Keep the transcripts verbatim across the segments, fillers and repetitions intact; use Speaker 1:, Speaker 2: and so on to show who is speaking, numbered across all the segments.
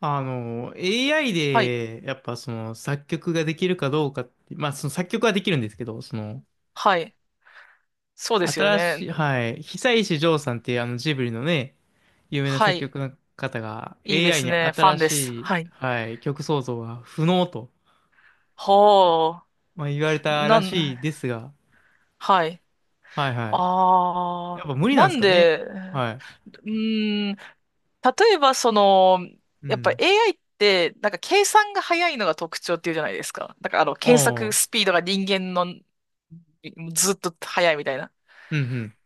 Speaker 1: あの、エーアイ
Speaker 2: はい。
Speaker 1: で、やっぱその作曲ができるかどうかって、まあその作曲はできるんですけど、その、
Speaker 2: はい。そうですよ
Speaker 1: 新し
Speaker 2: ね。
Speaker 1: い、はい、久石譲さんっていうあのジブリのね、有名な
Speaker 2: は
Speaker 1: 作
Speaker 2: い。
Speaker 1: 曲の方が
Speaker 2: いいで
Speaker 1: エーアイ
Speaker 2: す
Speaker 1: に
Speaker 2: ね。ファン
Speaker 1: 新
Speaker 2: で
Speaker 1: し
Speaker 2: す。
Speaker 1: い、
Speaker 2: はい。
Speaker 1: はい、曲創造が不能と、
Speaker 2: ほあ。
Speaker 1: まあ、言われた
Speaker 2: な
Speaker 1: らし
Speaker 2: ん、
Speaker 1: いですが、
Speaker 2: はい。
Speaker 1: はいはい。
Speaker 2: あ
Speaker 1: や
Speaker 2: あ。
Speaker 1: っぱ無理なん
Speaker 2: な
Speaker 1: です
Speaker 2: ん
Speaker 1: かね。
Speaker 2: で、う
Speaker 1: はい。
Speaker 2: ーん、例えばその、
Speaker 1: う
Speaker 2: やっぱ
Speaker 1: ん。
Speaker 2: エーアイ って、なんか計算が早いのが特徴っていうじゃないですか。だからあの、
Speaker 1: あ
Speaker 2: 検索ス
Speaker 1: あ、
Speaker 2: ピードが人間のずっと早いみたいな。
Speaker 1: うんうん。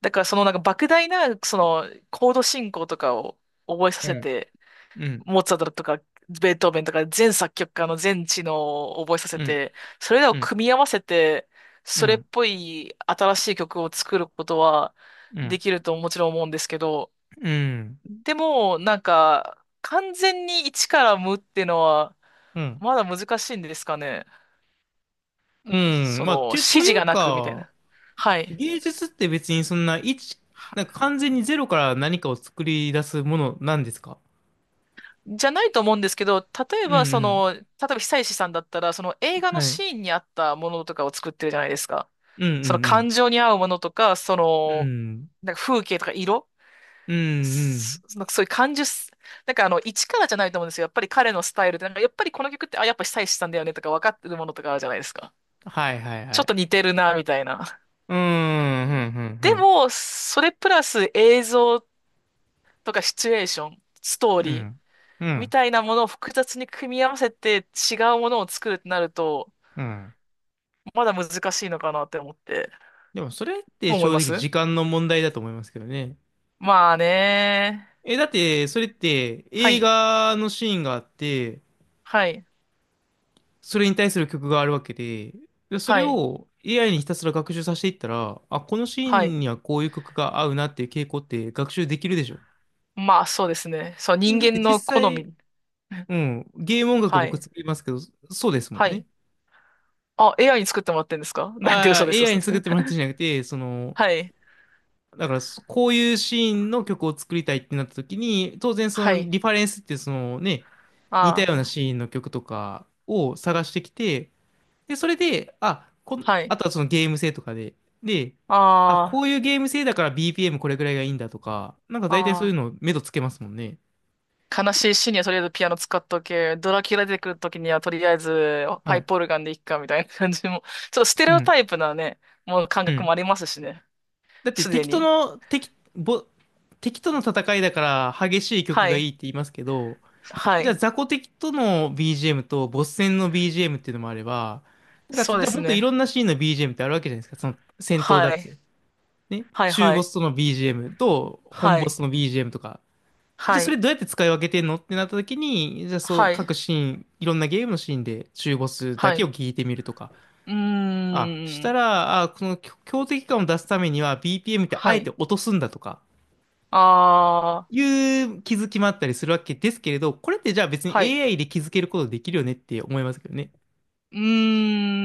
Speaker 2: だからそのなんか莫大な、その、コード進行とかを覚えさ
Speaker 1: う
Speaker 2: せ
Speaker 1: ん。
Speaker 2: て、
Speaker 1: うん。
Speaker 2: モーツァルトとか、ベートーベンとか、全作曲家の全知能を覚えさせ
Speaker 1: うん。
Speaker 2: て、それらを
Speaker 1: うん。
Speaker 2: 組み合わせて、
Speaker 1: う
Speaker 2: それっ
Speaker 1: ん。
Speaker 2: ぽい新しい曲を作ることは
Speaker 1: う
Speaker 2: で
Speaker 1: ん。
Speaker 2: きるともちろん思うんですけど、
Speaker 1: うん。
Speaker 2: でも、なんか、完全に一から無っていうのは、
Speaker 1: うん。
Speaker 2: まだ難しいんですかね。
Speaker 1: うん
Speaker 2: そ
Speaker 1: まあ、
Speaker 2: の、指
Speaker 1: て、とい
Speaker 2: 示
Speaker 1: う
Speaker 2: がなくみたい
Speaker 1: か、
Speaker 2: な。はい。
Speaker 1: 芸術って別にそんな一、なんか完全にゼロから何かを作り出すものなんですか？
Speaker 2: じゃないと思うんですけど、例え
Speaker 1: う
Speaker 2: ばそ
Speaker 1: ん
Speaker 2: の、例えば久石さんだったら、その
Speaker 1: うん。
Speaker 2: 映画の
Speaker 1: はい。
Speaker 2: シーンに合ったものとかを作ってるじゃないですか。
Speaker 1: うんう
Speaker 2: その
Speaker 1: ん
Speaker 2: 感情に合うものとか、そ
Speaker 1: う
Speaker 2: の、
Speaker 1: ん。
Speaker 2: なんか風景とか色、
Speaker 1: うん。うんう
Speaker 2: す
Speaker 1: ん。
Speaker 2: そのそういう感受す、なんかあの、一からじゃないと思うんですよ。やっぱり彼のスタイルで、なんかやっぱりこの曲って、あ、やっぱ久石さんだよねとか分かってるものとかあるじゃないですか。
Speaker 1: はいはい
Speaker 2: ち
Speaker 1: は
Speaker 2: ょっ
Speaker 1: い。
Speaker 2: と似てるな、みたいな。
Speaker 1: うーん、う
Speaker 2: うん、
Speaker 1: んう
Speaker 2: で
Speaker 1: ん
Speaker 2: も、それプラス映像とかシチュエーション、ストー
Speaker 1: う
Speaker 2: リー。
Speaker 1: ん。うん。う
Speaker 2: み
Speaker 1: ん。
Speaker 2: たいなものを複雑に組み合わせて違うものを作るってなると、
Speaker 1: うん。
Speaker 2: まだ難しいのかなって思って。
Speaker 1: でもそれって
Speaker 2: どう思い
Speaker 1: 正
Speaker 2: ま
Speaker 1: 直
Speaker 2: す？
Speaker 1: 時間の問題だと思いますけどね。
Speaker 2: まあね。
Speaker 1: え、だってそれって
Speaker 2: は
Speaker 1: 映
Speaker 2: い。
Speaker 1: 画のシーンがあって、
Speaker 2: はい。
Speaker 1: それに対する曲があるわけで、でそ
Speaker 2: は
Speaker 1: れ
Speaker 2: い。
Speaker 1: を エーアイ にひたすら学習させていったら、あ、このシー
Speaker 2: は
Speaker 1: ン
Speaker 2: い。
Speaker 1: にはこういう曲が合うなっていう傾向って学習できるでしょ。
Speaker 2: まあそうですね。そう、
Speaker 1: だ
Speaker 2: 人
Speaker 1: って
Speaker 2: 間
Speaker 1: 実
Speaker 2: の好
Speaker 1: 際、
Speaker 2: み。
Speaker 1: うん、ゲーム音楽
Speaker 2: は
Speaker 1: 僕
Speaker 2: い。
Speaker 1: 作りますけど、そうですもん
Speaker 2: は
Speaker 1: ね。
Speaker 2: い。あ、エーアイ に作ってもらってんですか？ なんて
Speaker 1: ああ、
Speaker 2: 嘘です、
Speaker 1: エーアイ
Speaker 2: 嘘
Speaker 1: に
Speaker 2: です。
Speaker 1: 作っ てもらってんじゃなくて、その、
Speaker 2: はい。
Speaker 1: だからそこういうシーンの曲を作りたいってなった時に、当然そ
Speaker 2: は
Speaker 1: の
Speaker 2: い。
Speaker 1: リファレンスってそのね、似たような
Speaker 2: あ
Speaker 1: シ
Speaker 2: あ。
Speaker 1: ーンの曲とかを探してきて、で、それで、あ、こん、
Speaker 2: は
Speaker 1: あ
Speaker 2: い。
Speaker 1: とはそのゲーム性とかで、で、あ、こ
Speaker 2: あ
Speaker 1: ういうゲーム性だから ビーピーエム これぐらいがいいんだとか、なんか
Speaker 2: あ。
Speaker 1: 大体そ
Speaker 2: あ
Speaker 1: ういう
Speaker 2: あ。
Speaker 1: の目処つけますもんね。
Speaker 2: 悲しいシーンにはとりあえずピアノ使っとけ。ドラキュラ出てくるときにはとりあえず
Speaker 1: は
Speaker 2: パイ
Speaker 1: い。
Speaker 2: プオルガンでいっかみたいな感じも。ちょっとステレ
Speaker 1: う
Speaker 2: オタ
Speaker 1: ん。
Speaker 2: イプなね、もう感
Speaker 1: う
Speaker 2: 覚
Speaker 1: ん。
Speaker 2: もありますしね。
Speaker 1: だって
Speaker 2: すで
Speaker 1: 敵と
Speaker 2: に。
Speaker 1: の、敵、ぼ、敵との戦いだから激しい曲
Speaker 2: は
Speaker 1: が
Speaker 2: い。
Speaker 1: いいって言いますけど、
Speaker 2: は
Speaker 1: じゃあ
Speaker 2: い。
Speaker 1: 雑魚敵との ビージーエム とボス戦の ビージーエム っていうのもあれば、なんか
Speaker 2: そう
Speaker 1: じ
Speaker 2: で
Speaker 1: ゃあ
Speaker 2: す
Speaker 1: もっとい
Speaker 2: ね。
Speaker 1: ろんなシーンの ビージーエム ってあるわけじゃないですか。その戦闘だ
Speaker 2: は
Speaker 1: っ
Speaker 2: い。
Speaker 1: て。ね。
Speaker 2: はい
Speaker 1: 中
Speaker 2: は
Speaker 1: ボ
Speaker 2: い。
Speaker 1: スとの ビージーエム と本
Speaker 2: は
Speaker 1: ボ
Speaker 2: い。
Speaker 1: スの ビージーエム とか。じゃあ
Speaker 2: は
Speaker 1: それ
Speaker 2: い。
Speaker 1: どうやって使い分けてんのってなった時に、じゃあそう
Speaker 2: はい。
Speaker 1: 各シーン、いろんなゲームのシーンで中ボスだ
Speaker 2: は
Speaker 1: けを
Speaker 2: い。
Speaker 1: 聞いてみるとか。
Speaker 2: う
Speaker 1: あ、し
Speaker 2: ー
Speaker 1: た
Speaker 2: ん。
Speaker 1: ら、あ、この強強敵感を出すためには ビーピーエム ってあ
Speaker 2: は
Speaker 1: えて
Speaker 2: い。
Speaker 1: 落とすんだとか、
Speaker 2: あー。
Speaker 1: いう気づきもあったりするわけですけれど、これってじゃあ別に
Speaker 2: はい。
Speaker 1: エーアイ で気づけることできるよねって思いますけどね。
Speaker 2: うー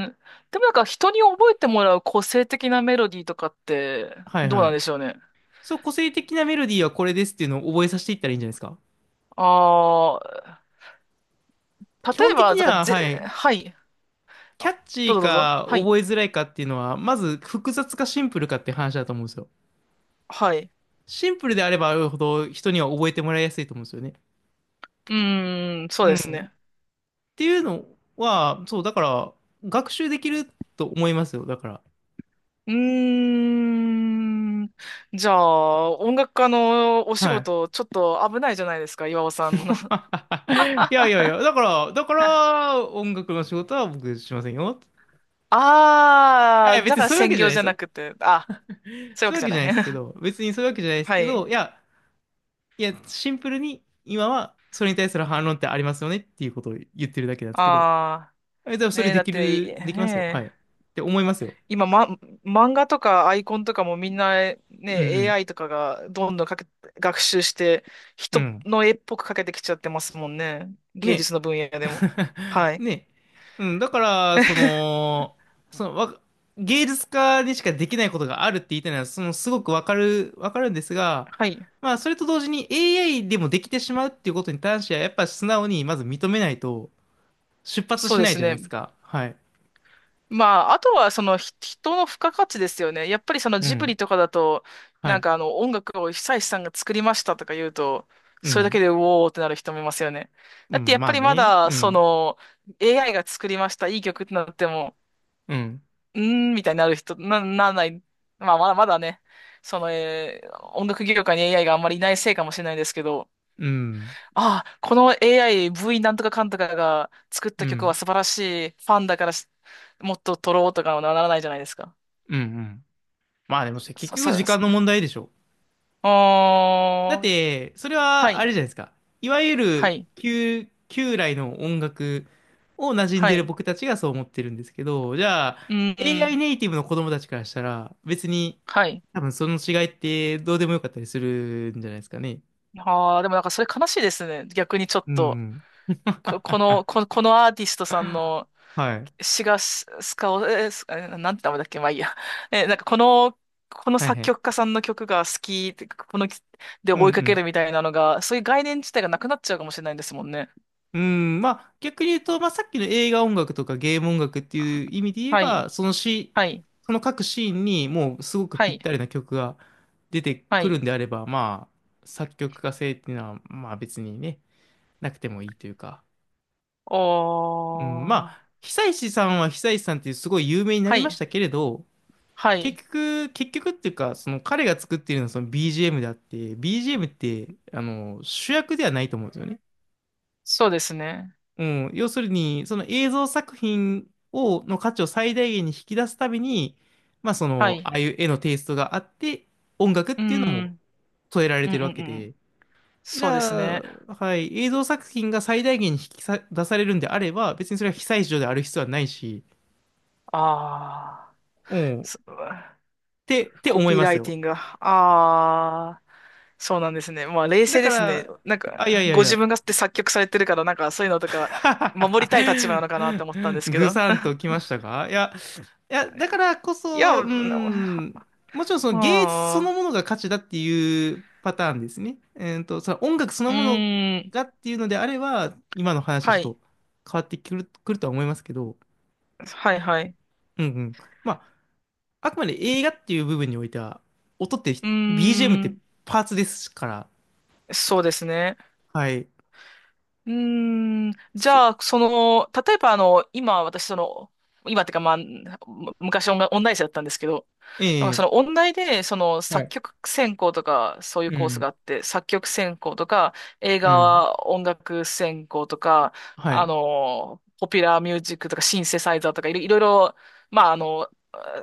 Speaker 2: ん。でもなんか人に覚えてもらう個性的なメロディーとかって
Speaker 1: はい
Speaker 2: どう
Speaker 1: は
Speaker 2: なん
Speaker 1: い。
Speaker 2: でしょうね。
Speaker 1: そう、個性的なメロディーはこれですっていうのを覚えさせていったらいいんじゃないですか。
Speaker 2: ああ、
Speaker 1: 基
Speaker 2: 例え
Speaker 1: 本的
Speaker 2: ば、
Speaker 1: に
Speaker 2: だから
Speaker 1: は、は
Speaker 2: ぜ、
Speaker 1: い、
Speaker 2: はい。
Speaker 1: キャ
Speaker 2: あ、
Speaker 1: ッチ
Speaker 2: どう
Speaker 1: ー
Speaker 2: ぞどうぞ。
Speaker 1: か
Speaker 2: はい。
Speaker 1: 覚えづらいかっていうのは、まず複雑かシンプルかって話だと思うんですよ。
Speaker 2: はい。
Speaker 1: シンプルであればあるほど人には覚えてもらいやすいと思うんですよね。
Speaker 2: うーん、そう
Speaker 1: う
Speaker 2: です
Speaker 1: ん。
Speaker 2: ね。
Speaker 1: っていうのは、そう、だから、学習できると思いますよ。だから。
Speaker 2: うーん。じゃあ、音楽家のお仕
Speaker 1: はい。
Speaker 2: 事、ちょっと危ないじゃないですか、岩尾さんの。
Speaker 1: いやいやいや、だから、だか ら、音楽の仕事は僕しませんよ。あ、い
Speaker 2: あ
Speaker 1: や
Speaker 2: ー、
Speaker 1: 別
Speaker 2: だ
Speaker 1: に
Speaker 2: から
Speaker 1: そういうわ
Speaker 2: 専
Speaker 1: けじゃ
Speaker 2: 業
Speaker 1: ないで
Speaker 2: じゃ
Speaker 1: す
Speaker 2: な
Speaker 1: よ。
Speaker 2: くて、あ、そういうわ
Speaker 1: そう
Speaker 2: け
Speaker 1: いうわ
Speaker 2: じゃ
Speaker 1: けじ
Speaker 2: な
Speaker 1: ゃない
Speaker 2: い。
Speaker 1: ですけ ど、別にそういうわけじゃないです
Speaker 2: は
Speaker 1: け
Speaker 2: い。
Speaker 1: ど、いや、いや、シンプルに今はそれに対する反論ってありますよねっていうことを言ってるだけなんですけど、
Speaker 2: あ
Speaker 1: え、でも
Speaker 2: ー、
Speaker 1: そ
Speaker 2: ね
Speaker 1: れ
Speaker 2: え、
Speaker 1: で
Speaker 2: だっ
Speaker 1: き
Speaker 2: て、
Speaker 1: る、できますよ。は
Speaker 2: ね
Speaker 1: い。っ
Speaker 2: え、
Speaker 1: て思いますよ。
Speaker 2: 今、ま、漫画とかアイコンとかもみんなね、
Speaker 1: うん
Speaker 2: エーアイ とかがどんどんかけ、学習して、
Speaker 1: うん。う
Speaker 2: 人
Speaker 1: ん。
Speaker 2: の絵っぽくかけてきちゃってますもんね。芸
Speaker 1: ね。
Speaker 2: 術の分野でも。はい。
Speaker 1: ね。うん、だから、そ の、その、わ、芸術家にしかできないことがあるって言いたいのは、その、すごくわかる、わかるんですが、
Speaker 2: はい。
Speaker 1: まあ、それと同時に エーアイ でもできてしまうっていうことに関しては、やっぱ素直にまず認めないと出発
Speaker 2: そう
Speaker 1: し
Speaker 2: で
Speaker 1: ない
Speaker 2: す
Speaker 1: じゃないで
Speaker 2: ね。
Speaker 1: すか。はい。
Speaker 2: まあ、あとはそのひ人の付加価値ですよね。やっぱりその
Speaker 1: う
Speaker 2: ジブリ
Speaker 1: ん。
Speaker 2: とかだと、
Speaker 1: は
Speaker 2: なん
Speaker 1: い。
Speaker 2: かあの音楽を久石さんが作りましたとか言うと、
Speaker 1: う
Speaker 2: それだけ
Speaker 1: ん。
Speaker 2: でうおーってなる人もいますよね。
Speaker 1: う
Speaker 2: だってや
Speaker 1: ん。
Speaker 2: っ
Speaker 1: ま
Speaker 2: ぱ
Speaker 1: あ
Speaker 2: りま
Speaker 1: ね。
Speaker 2: だ
Speaker 1: う
Speaker 2: そ
Speaker 1: ん。
Speaker 2: の エーアイ が作りました、いい曲ってなっても、
Speaker 1: うん。
Speaker 2: うーん、みたいになる人、な、ならない。まあ、まだまだね、その、えー音楽業界に エーアイ があんまりいないせいかもしれないですけど、
Speaker 1: うん。
Speaker 2: ああ、この エーアイ、ブイ なんとかかんとかが作った
Speaker 1: う
Speaker 2: 曲は
Speaker 1: ん。
Speaker 2: 素晴らしい、ファンだからしもっと撮ろうとかはならないじゃないですか。
Speaker 1: うん。うん。まあでも、結
Speaker 2: そ、
Speaker 1: 局時
Speaker 2: そ、
Speaker 1: 間
Speaker 2: そ、
Speaker 1: の問題でしょ。
Speaker 2: あ
Speaker 1: だっ
Speaker 2: ー、
Speaker 1: て、それ
Speaker 2: は
Speaker 1: はあ
Speaker 2: い、
Speaker 1: れじゃないですか。いわゆ
Speaker 2: は
Speaker 1: る
Speaker 2: い、
Speaker 1: 旧、旧来の音楽を馴染ん
Speaker 2: は
Speaker 1: でる
Speaker 2: い、
Speaker 1: 僕たちがそう思ってるんですけど、じゃあ、
Speaker 2: うん、う
Speaker 1: エーアイ
Speaker 2: ん、
Speaker 1: ネイティブの子供たちからしたら、別に
Speaker 2: はい。
Speaker 1: 多分その違いってどうでもよかったりするんじゃないですかね。
Speaker 2: ああ、でもなんかそれ悲しいですね。逆にちょっ
Speaker 1: う
Speaker 2: と、
Speaker 1: ん。
Speaker 2: こ、この、こ、このアーティストさんの
Speaker 1: はい。
Speaker 2: シガス、カオ、えースえーなんて名前だっけ、まあいいや。えーなんかこの、この
Speaker 1: はい
Speaker 2: 作
Speaker 1: はい。
Speaker 2: 曲家さんの曲が好きって、この、で
Speaker 1: うんう
Speaker 2: 追いかけ
Speaker 1: ん
Speaker 2: るみたいなのが、そういう概念自体がなくなっちゃうかもしれないんですもんね。
Speaker 1: うん、まあ逆に言うと、まあさっきの映画音楽とかゲーム音楽っていう意味で言え
Speaker 2: はい、
Speaker 1: ば、そのシー
Speaker 2: はい、
Speaker 1: その各シーンにもうすごく
Speaker 2: は
Speaker 1: ぴっ
Speaker 2: い、
Speaker 1: たりな曲が出て
Speaker 2: は
Speaker 1: くる
Speaker 2: い。
Speaker 1: んであれば、まあ作曲家性っていうのはまあ別にね、なくてもいいというか。
Speaker 2: お
Speaker 1: うん、ま
Speaker 2: ー、
Speaker 1: あ久石さんは久石さんっていうすごい有名にな
Speaker 2: は
Speaker 1: りまし
Speaker 2: い、
Speaker 1: たけれど、
Speaker 2: はい。
Speaker 1: 結局、結局っていうか、その彼が作っているのはその ビージーエム であって、ビージーエム ってあの主役ではないと思うんですよね。
Speaker 2: そうですね。
Speaker 1: うん、要するに、その映像作品を、の価値を最大限に引き出すために、まあそ
Speaker 2: は
Speaker 1: の、
Speaker 2: い。
Speaker 1: ああいう絵のテイストがあって、音楽っ
Speaker 2: うー
Speaker 1: ていうの
Speaker 2: ん、う
Speaker 1: も
Speaker 2: ん、
Speaker 1: 添えられ
Speaker 2: うん、う
Speaker 1: てるわけ
Speaker 2: ん。
Speaker 1: で、じ
Speaker 2: そうです
Speaker 1: ゃ
Speaker 2: ね。
Speaker 1: あ、はい、映像作品が最大限に引きさ出されるんであれば、別にそれは被災地である必要はないし、
Speaker 2: あ
Speaker 1: うん、っ
Speaker 2: ー。そ
Speaker 1: てって
Speaker 2: コ
Speaker 1: 思い
Speaker 2: ピー
Speaker 1: ま
Speaker 2: ラ
Speaker 1: す
Speaker 2: イテ
Speaker 1: よ。
Speaker 2: ィングが。ああ、そうなんですね。まあ、冷
Speaker 1: だ
Speaker 2: 静で
Speaker 1: か
Speaker 2: すね。
Speaker 1: ら、
Speaker 2: なん
Speaker 1: あ、いや
Speaker 2: か、
Speaker 1: いやい
Speaker 2: ご自
Speaker 1: や、
Speaker 2: 分がって作曲されてるから、なんか、そういうのとか、守りたい立場なのかなって思ったんで すけ
Speaker 1: ぐ
Speaker 2: ど。
Speaker 1: さん ときましたか、いや、いや、だからこ
Speaker 2: いや、
Speaker 1: そ、う
Speaker 2: な
Speaker 1: ん、もちろんその
Speaker 2: ま
Speaker 1: 芸術そのものが価値だっていうパターンですね。えーと、その音楽そ
Speaker 2: あ、
Speaker 1: の
Speaker 2: う
Speaker 1: もの
Speaker 2: ーん、
Speaker 1: がっていうのであれば、今の話はち
Speaker 2: は
Speaker 1: ょっ
Speaker 2: い、
Speaker 1: と変わってくる、くるとは思いますけど、
Speaker 2: はい、はい。
Speaker 1: うんうん。まあ、あくまで映画っていう部分においては、音って、
Speaker 2: うー
Speaker 1: ビージーエム って
Speaker 2: ん、
Speaker 1: パーツですから、
Speaker 2: そうですね。
Speaker 1: はい。
Speaker 2: うーん、じ
Speaker 1: そ、
Speaker 2: ゃあ、その、例えばあの、今私その、今ってかまあ、む昔音楽、音大生だったんですけど、なんかそ
Speaker 1: ええ、
Speaker 2: の音大で、その
Speaker 1: は
Speaker 2: 作
Speaker 1: い。
Speaker 2: 曲専攻とか、そういう
Speaker 1: う
Speaker 2: コースが
Speaker 1: ん、
Speaker 2: あって、作曲専攻とか、映
Speaker 1: うん、
Speaker 2: 画音楽専攻とか、
Speaker 1: は
Speaker 2: あ
Speaker 1: い。
Speaker 2: の、ポピュラーミュージックとか、シンセサイザーとか、いろいろいろ、まああの、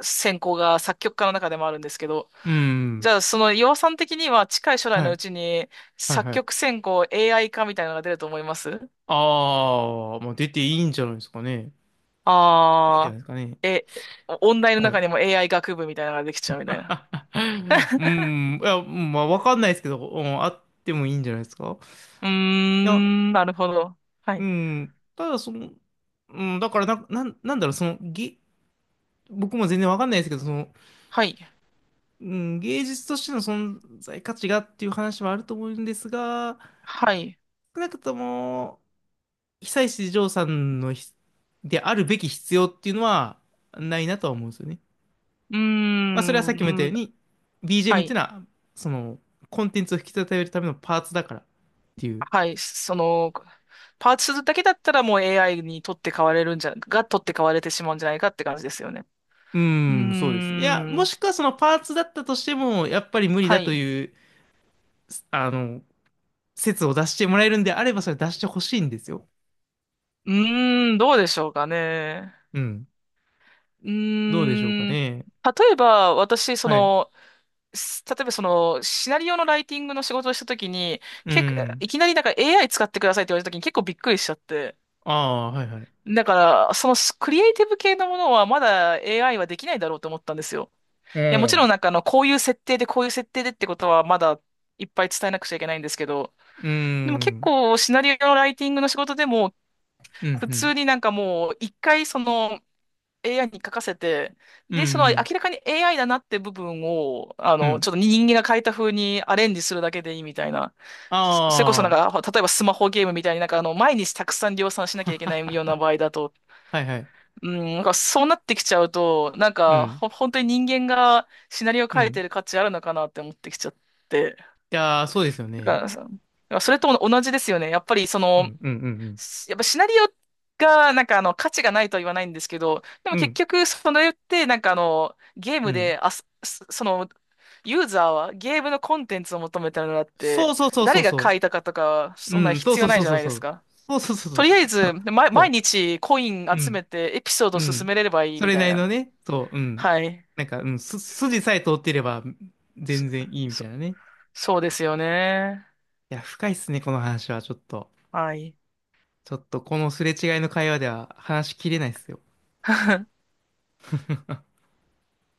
Speaker 2: 専攻が作曲家の中でもあるんですけど、
Speaker 1: う
Speaker 2: じ
Speaker 1: ん、
Speaker 2: ゃあその岩尾さん的には近い将来
Speaker 1: は
Speaker 2: のう
Speaker 1: い、
Speaker 2: ちに
Speaker 1: はい、
Speaker 2: 作
Speaker 1: はい。
Speaker 2: 曲専攻 エーアイ 化みたいなのが出ると思います。
Speaker 1: ああ、まあ出ていいんじゃないですかね。いいんじゃ
Speaker 2: あ
Speaker 1: ない
Speaker 2: あ、
Speaker 1: ですかね。
Speaker 2: え、お音大の
Speaker 1: は
Speaker 2: 中
Speaker 1: い。
Speaker 2: にも エーアイ 学部みたいなのができちゃうみたいな。
Speaker 1: う ん、いや、うんまあ、わかんないですけど、うん、あってもいいんじゃないですか。い
Speaker 2: うー
Speaker 1: や、
Speaker 2: ん、なるほど。は
Speaker 1: う
Speaker 2: い。
Speaker 1: ん、ただその、うん、だからな、なん、なんだろう、その、げ、僕も全然わかんないですけど、その、
Speaker 2: はい。
Speaker 1: うん、芸術としての存在価値がっていう話はあると思うんですが、
Speaker 2: はい。
Speaker 1: 少なくとも、久石譲さんのひ、であるべき必要っていうのはないなとは思うんですよね。
Speaker 2: うー
Speaker 1: まあ、それは
Speaker 2: ん、
Speaker 1: さっきも言った
Speaker 2: う
Speaker 1: よう
Speaker 2: ん、
Speaker 1: に、
Speaker 2: は
Speaker 1: ビージーエム っていう
Speaker 2: い。
Speaker 1: のは、その、コンテンツを引き立てるためのパーツだからっていう。
Speaker 2: はい。その、パーツするだけだったらもう エーアイ に取って代われるんじゃ、が取って代われてしまうんじゃないかって感じですよね。
Speaker 1: う
Speaker 2: うー
Speaker 1: ーん、そうですね。いや、
Speaker 2: ん、
Speaker 1: もしくはそのパーツだったとしても、やっぱり無理
Speaker 2: は
Speaker 1: だと
Speaker 2: い。
Speaker 1: いう、あの、説を出してもらえるんであれば、それ出してほしいんですよ。
Speaker 2: うーん、どうでしょうかね。
Speaker 1: うん。
Speaker 2: う
Speaker 1: どうでしょうか
Speaker 2: ーん、例
Speaker 1: ね。
Speaker 2: えば私、そ
Speaker 1: はい。
Speaker 2: の、す例えばその、シナリオのライティングの仕事をしたときに、
Speaker 1: う
Speaker 2: 結構、
Speaker 1: ん。
Speaker 2: いきなりなんか エーアイ 使ってくださいって言われたときに結構びっくりしちゃって。
Speaker 1: ああ、はいはい。
Speaker 2: だから、そのクリエイティブ系のものはまだ エーアイ はできないだろうと思ったんですよ。
Speaker 1: う
Speaker 2: いや、もちろん
Speaker 1: ん。
Speaker 2: なんかあの、こういう設定でこういう設定でってことはまだいっぱい伝えなくちゃいけないんですけど、
Speaker 1: う
Speaker 2: でも結
Speaker 1: ん。
Speaker 2: 構シナリオのライティングの仕事でも、
Speaker 1: うん、
Speaker 2: 普
Speaker 1: う
Speaker 2: 通
Speaker 1: ん。
Speaker 2: になんかもう一回その、エーアイ に書かせて、
Speaker 1: うん、う
Speaker 2: で、その明
Speaker 1: ん。
Speaker 2: らかに エーアイ だなって部分を、あ
Speaker 1: う
Speaker 2: の、ち
Speaker 1: ん。
Speaker 2: ょっと人間が書いた風にアレンジするだけでいいみたいな。そそれこそなん
Speaker 1: ああ、
Speaker 2: か、例えばスマホゲームみたいになんかあの、毎日たくさん量産しなきゃいけないような場合だと、
Speaker 1: はいはい。
Speaker 2: うん、なんかそうなってきちゃうと、なん
Speaker 1: う
Speaker 2: か、
Speaker 1: ん。
Speaker 2: ほ、本当に人間がシナリオ
Speaker 1: う
Speaker 2: 書い
Speaker 1: ん。
Speaker 2: てる価値あるのかなって思ってきちゃって。
Speaker 1: いやー、そうですよ
Speaker 2: だか
Speaker 1: ね。
Speaker 2: らさ、そだからそれと同じですよね。やっぱりそ
Speaker 1: う
Speaker 2: の、
Speaker 1: ん、うん、うん、うん。
Speaker 2: すやっぱシナリオが、なんかあの、価値がないとは言わないんですけど、でも
Speaker 1: う
Speaker 2: 結
Speaker 1: ん
Speaker 2: 局、それって、なんかあの、ゲー
Speaker 1: う
Speaker 2: ム
Speaker 1: ん。
Speaker 2: で、あ、すすその、ユーザーはゲームのコンテンツを求めてるのだっ
Speaker 1: そ
Speaker 2: て、
Speaker 1: うそうそうそう
Speaker 2: 誰が書
Speaker 1: そ
Speaker 2: いたかとか、
Speaker 1: う。
Speaker 2: そんな
Speaker 1: うん、そう
Speaker 2: 必
Speaker 1: そ
Speaker 2: 要
Speaker 1: う
Speaker 2: な
Speaker 1: そ
Speaker 2: い
Speaker 1: う
Speaker 2: じゃ
Speaker 1: そう
Speaker 2: ないで
Speaker 1: そ
Speaker 2: す
Speaker 1: う。
Speaker 2: か。
Speaker 1: そうそうそうそ
Speaker 2: と
Speaker 1: う。
Speaker 2: りあえ
Speaker 1: そ
Speaker 2: ず、
Speaker 1: う、
Speaker 2: ま、毎
Speaker 1: そ
Speaker 2: 日コイン
Speaker 1: うう
Speaker 2: 集め
Speaker 1: ん、
Speaker 2: てエピソード
Speaker 1: う
Speaker 2: 進め
Speaker 1: ん。
Speaker 2: れればいい
Speaker 1: そ
Speaker 2: み
Speaker 1: れ
Speaker 2: たい
Speaker 1: なりの
Speaker 2: な。
Speaker 1: ね、そう、うん。
Speaker 2: はい。
Speaker 1: なんか、うん、す、筋さえ通ってれば
Speaker 2: そ、
Speaker 1: 全然いいみた
Speaker 2: そ、
Speaker 1: いなね。
Speaker 2: そうですよね。
Speaker 1: いや、深いっすね、この話は、ちょっと。
Speaker 2: はい。
Speaker 1: ちょっと、このすれ違いの会話では話しきれないっすよ。